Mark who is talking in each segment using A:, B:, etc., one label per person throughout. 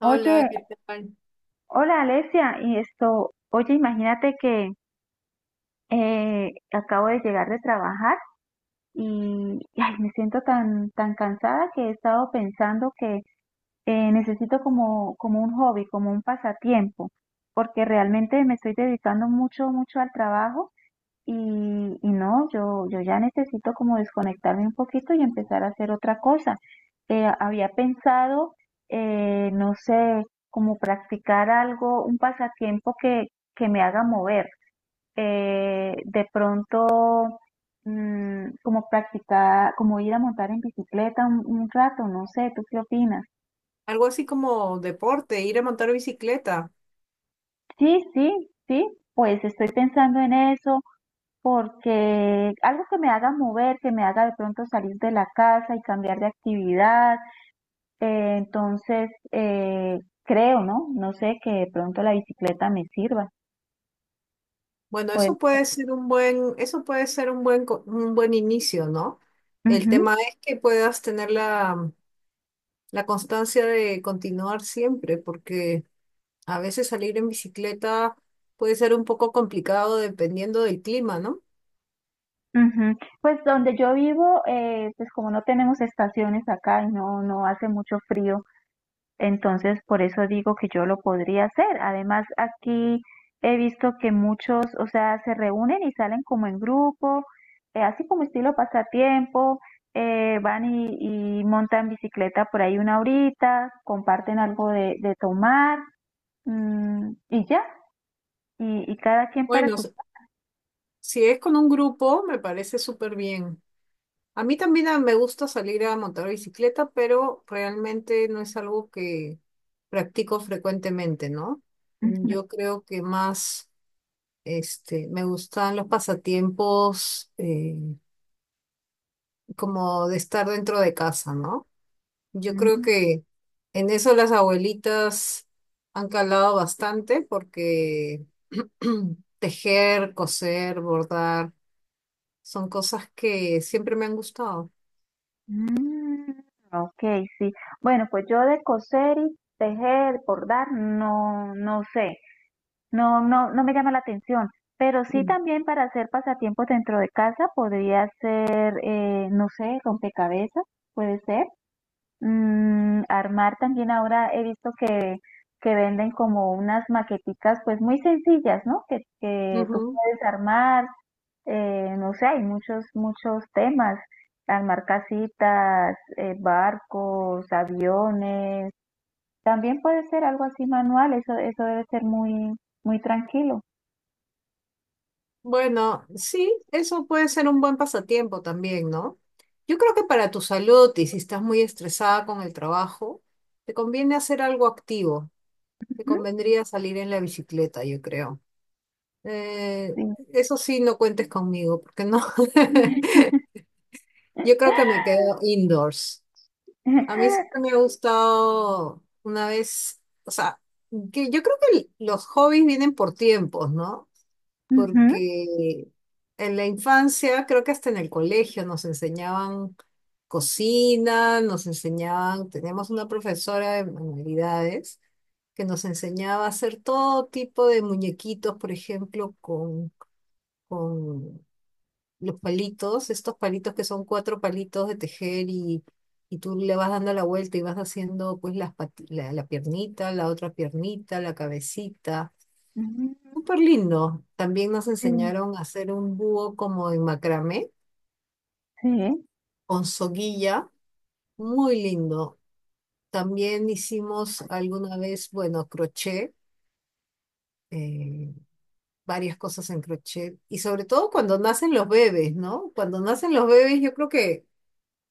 A: Hola,
B: Oye,
A: ¿qué tal?
B: hola Alesia, y esto, oye, imagínate que acabo de llegar de trabajar y ay, me siento tan cansada que he estado pensando que necesito como un hobby, como un pasatiempo, porque realmente me estoy dedicando mucho al trabajo. Y no, yo ya necesito como desconectarme un poquito y empezar a hacer otra cosa. Había pensado, no sé, como practicar algo, un pasatiempo que me haga mover. De pronto, como practicar, como ir a montar en bicicleta un rato, no sé, ¿tú qué opinas?
A: Algo así como deporte, ir a montar bicicleta.
B: Sí, sí, sí, pues estoy pensando en eso. Porque algo que me haga mover, que me haga de pronto salir de la casa y cambiar de actividad, entonces creo, ¿no? No sé, que de pronto la bicicleta me sirva.
A: Bueno,
B: Pues,
A: eso puede ser un buen, eso puede ser un buen, un buen inicio, ¿no? El
B: ujú,
A: tema es que puedas tener la constancia de continuar siempre, porque a veces salir en bicicleta puede ser un poco complicado dependiendo del clima, ¿no?
B: ujú. Pues donde yo vivo, pues como no tenemos estaciones acá y no, no hace mucho frío. Entonces, por eso digo que yo lo podría hacer. Además, aquí he visto que muchos, o sea, se reúnen y salen como en grupo, así como estilo pasatiempo, van y montan bicicleta por ahí una horita, comparten algo de tomar, y ya, y cada quien para
A: Bueno,
B: su...
A: si es con un grupo, me parece súper bien. A mí también me gusta salir a montar bicicleta, pero realmente no es algo que practico frecuentemente, ¿no? Yo creo que más me gustan los pasatiempos como de estar dentro de casa, ¿no? Yo creo
B: Ujú.
A: que en eso las abuelitas han calado bastante porque tejer, coser, bordar, son cosas que siempre me han gustado.
B: Mm, ok, sí. Bueno, pues yo de coser y tejer, bordar, no, no sé. No, no, no me llama la atención, pero sí también para hacer pasatiempos dentro de casa podría ser, no sé, rompecabezas, puede ser. Armar también ahora he visto que venden como unas maqueticas pues muy sencillas, ¿no? Que tú
A: Ujú.
B: puedes armar, no sé, hay muchos temas, armar casitas, barcos, aviones, también puede ser algo así manual, eso debe ser muy tranquilo.
A: Bueno, sí, eso puede ser un buen pasatiempo también, ¿no? Yo creo que para tu salud y si estás muy estresada con el trabajo, te conviene hacer algo activo. Te convendría salir en la bicicleta, yo creo. Eh,
B: Sí.
A: eso sí, no cuentes conmigo, porque no. Yo creo que me quedo indoors. A mí siempre me ha gustado una vez, o sea, que yo creo que los hobbies vienen por tiempos, ¿no?
B: Ujú,
A: Porque en la infancia, creo que hasta en el colegio nos enseñaban cocina, nos enseñaban, teníamos una profesora de manualidades que nos enseñaba a hacer todo tipo de muñequitos, por ejemplo, con los palitos, estos palitos que son cuatro palitos de tejer y tú le vas dando la vuelta y vas haciendo pues las la piernita, la otra piernita, la cabecita.
B: ujú.
A: Súper lindo. También nos
B: Sí,
A: enseñaron a hacer un búho como en macramé, con soguilla. Muy lindo. También hicimos alguna vez, bueno, crochet, eh, varias cosas en crochet. Y sobre todo cuando nacen los bebés, ¿no? Cuando nacen los bebés, yo creo que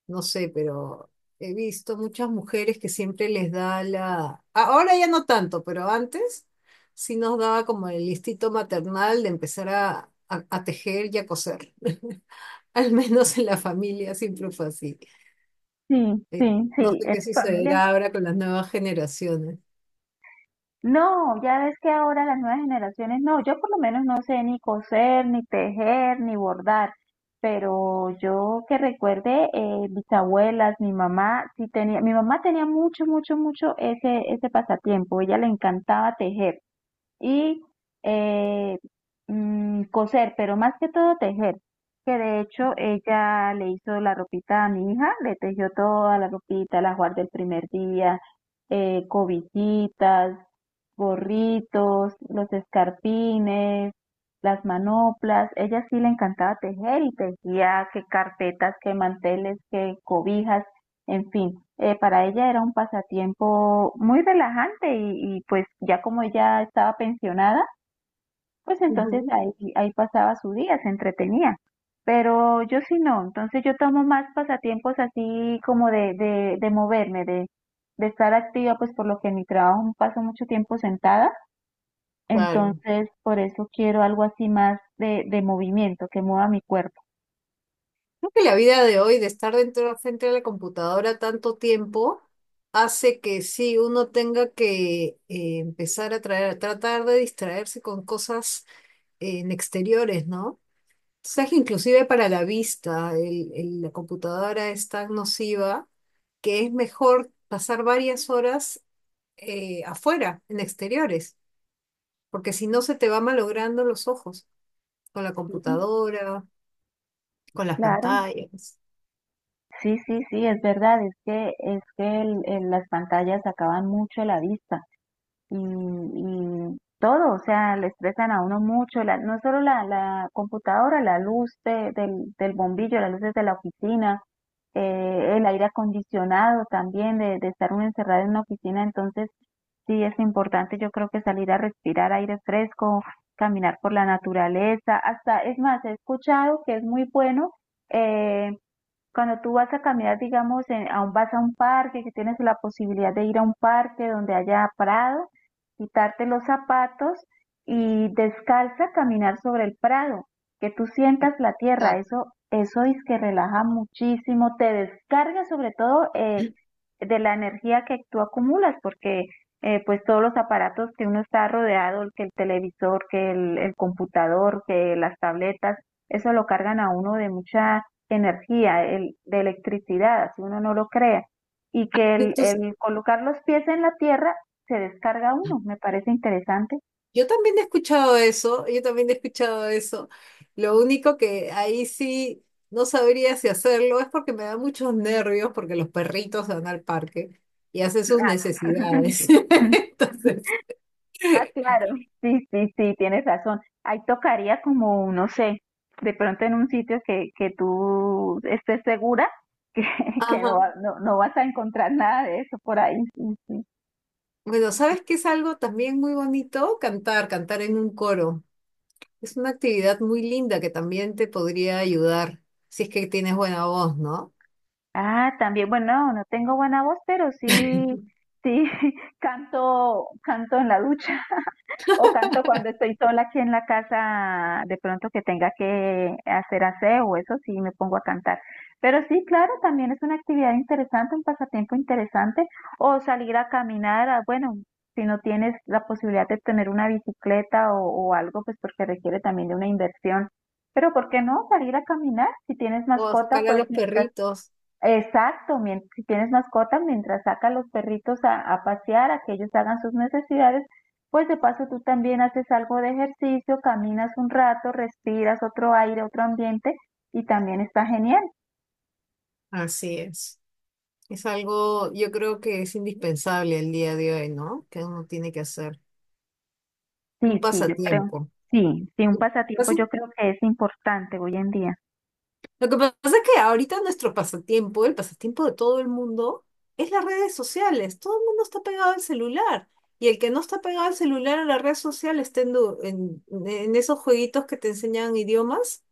A: no sé, pero he visto muchas mujeres que siempre les da la... Ahora ya no tanto, pero antes sí nos daba como el instinto maternal de empezar a, a tejer y a coser. Al menos en la familia siempre fue así.
B: sí,
A: Eh,
B: sí, sí,
A: no
B: sí,
A: sé
B: en
A: qué
B: mi familia.
A: sucederá ahora con las nuevas generaciones.
B: No, ya ves que ahora las nuevas generaciones, no, yo por lo menos no sé ni coser, ni tejer, ni bordar, pero yo que recuerde, mis abuelas, mi mamá, sí tenía, mi mamá tenía mucho ese pasatiempo, ella le encantaba tejer. Y eh, coser, pero más que todo tejer, que de hecho ella le hizo la ropita a mi hija, le tejió toda la ropita, la guardé el primer día, cobijitas, gorritos, los escarpines, las manoplas, ella sí le encantaba tejer y tejía que carpetas, que manteles, que cobijas, en fin, para ella era un pasatiempo muy relajante y pues ya como ella estaba pensionada, pues entonces
A: Ujú.
B: ahí pasaba su día, se entretenía. Pero yo sí no, entonces yo tomo más pasatiempos así como de moverme, de estar activa, pues por lo que en mi trabajo paso mucho tiempo sentada,
A: Claro.
B: entonces por eso quiero algo así más de movimiento, que mueva mi cuerpo.
A: Creo que la vida de hoy, de estar dentro frente a la computadora tanto tiempo, hace que sí, uno tenga que empezar a tratar de distraerse con cosas en exteriores, ¿no? O sea, que inclusive para la vista, la computadora es tan nociva que es mejor pasar varias horas afuera, en exteriores, porque si no se te va malogrando los ojos con la
B: Sí,
A: computadora, con las
B: claro,
A: pantallas.
B: sí, sí, sí, es verdad, es que, las pantallas acaban mucho la vista y todo, o sea, le estresan a uno mucho, no solo la computadora, la luz del del bombillo, las luces de la oficina, el aire acondicionado también, de estar uno encerrado en una oficina, entonces sí es importante yo creo que salir a respirar aire fresco, caminar por la naturaleza, hasta, es más, he escuchado que es muy bueno. eh, cuando tú vas a caminar, digamos, vas a un parque, que tienes la posibilidad de ir a un parque donde haya prado, quitarte los zapatos y descalza caminar sobre el prado, que tú sientas la tierra,
A: Exacto.
B: eso es que relaja muchísimo, te descarga sobre todo de la energía que tú acumulas, porque pues todos los aparatos que uno está rodeado, el que el televisor, que el computador, que las tabletas, eso lo cargan a uno de mucha energía, de electricidad, así uno no lo crea, y que el colocar los pies en la tierra se descarga uno, me parece interesante.
A: Yo también he escuchado eso, yo también he escuchado eso. Lo único que ahí sí no sabría si hacerlo es porque me da muchos nervios porque los perritos van al parque y hacen sus
B: Ah,
A: necesidades. Entonces,
B: ah, claro, sí, sí, sí, tienes razón. Ahí tocaría como, no sé, de pronto en un sitio que tú estés segura que, que no,
A: ajá.
B: va- no, no vas a encontrar nada de eso por ahí. Sí, sí.
A: Bueno, ¿sabes qué es algo también muy bonito? Cantar, cantar en un coro. Es una actividad muy linda que también te podría ayudar si es que tienes buena voz, ¿no?
B: Ah, también, bueno, no tengo buena voz, pero sí, sí, canto, canto en la ducha. O canto cuando estoy sola aquí en la casa, de pronto que tenga que hacer aseo, eso sí, me pongo a cantar. Pero sí, claro, también es una actividad interesante, un pasatiempo interesante, o salir a caminar, bueno, si no tienes la posibilidad de tener una bicicleta o algo, pues porque requiere también de una inversión. Pero ¿por qué no salir a caminar? Si tienes
A: O
B: mascota,
A: sacar a
B: pues
A: los
B: mientras...
A: perritos.
B: Exacto, si tienes mascota, mientras saca a los perritos a pasear, a que ellos hagan sus necesidades, pues de paso tú también haces algo de ejercicio, caminas un rato, respiras otro aire, otro ambiente y también está genial.
A: Así es. Es algo, yo creo que es indispensable el día de hoy, ¿no? Que uno tiene que hacer un
B: Sí, sí, yo creo.
A: pasatiempo.
B: Sí, sí, un pasatiempo
A: Pasa-
B: yo creo que es importante hoy en día.
A: Lo que pasa es que ahorita nuestro pasatiempo, el pasatiempo de todo el mundo, es las redes sociales. Todo el mundo está pegado al celular. Y el que no está pegado al celular a la red social está en, en esos jueguitos que te enseñan idiomas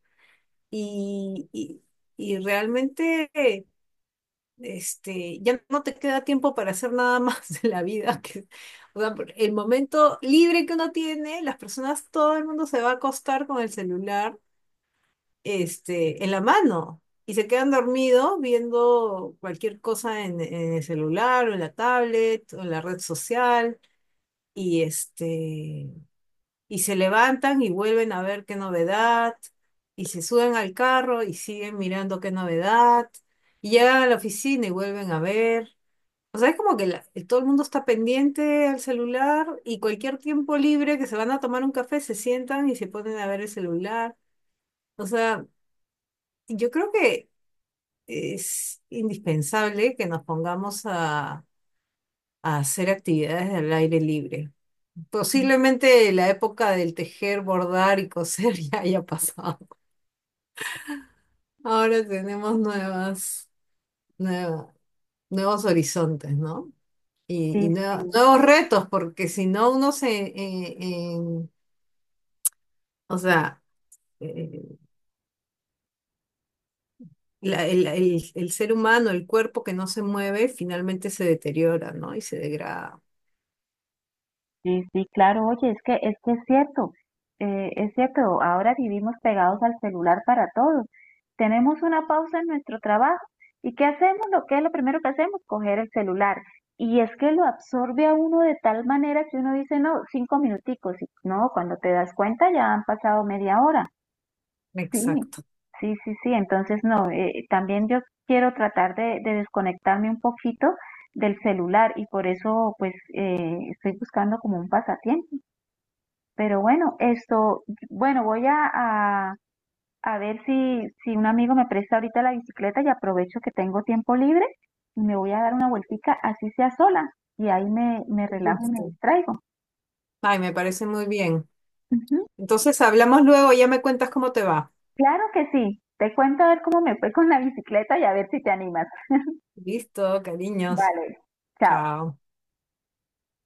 A: y, y, y realmente ya no te queda tiempo para hacer nada más de la vida. Que, o sea, por el momento libre que uno tiene, las personas, todo el mundo se va a acostar con el celular, en la mano y se quedan dormidos viendo cualquier cosa en el celular o en la tablet o en la red social y este, y se levantan y vuelven a ver qué novedad. Y se suben al carro y siguen mirando qué novedad. Y llegan a la oficina y vuelven a ver. O sea, es como que todo el mundo está pendiente al celular y cualquier tiempo libre que se van a tomar un café se sientan y se ponen a ver el celular. O sea, yo creo que es indispensable que nos pongamos a hacer actividades al aire libre. Posiblemente la época del tejer, bordar y coser ya haya pasado. Ahora tenemos nueva- nuevos horizontes, ¿no?
B: Sí,
A: Y
B: sí.
A: nuevos retos, porque si no uno se. O sea, eh, el ser humano, el cuerpo que no se mueve, finalmente se deteriora, ¿no? Y se degrada.
B: Sí, sí, claro, oye, es que es cierto, ahora vivimos pegados al celular para todo. Tenemos una pausa en nuestro trabajo y ¿qué hacemos? Lo que es lo primero que hacemos, coger el celular. Y es que lo absorbe a uno de tal manera que uno dice, no, cinco minuticos, y no, cuando te das cuenta ya han pasado media hora. Sí,
A: Exacto.
B: sí, sí, sí, entonces no, también yo quiero tratar de desconectarme un poquito del celular y por eso pues estoy buscando como un pasatiempo. Pero bueno, esto, bueno, voy a, a ver si, si un amigo me presta ahorita la bicicleta y aprovecho que tengo tiempo libre y me voy a dar una vueltica, así sea sola, y ahí me relajo y me
A: Listo.
B: distraigo.
A: Ay, me parece muy bien.
B: Ujú.
A: Entonces hablamos luego, ya me cuentas cómo te va.
B: Claro que sí, te cuento a ver cómo me fue con la bicicleta y a ver si te animas.
A: Listo, cariños.
B: Vale, chao.
A: Chao.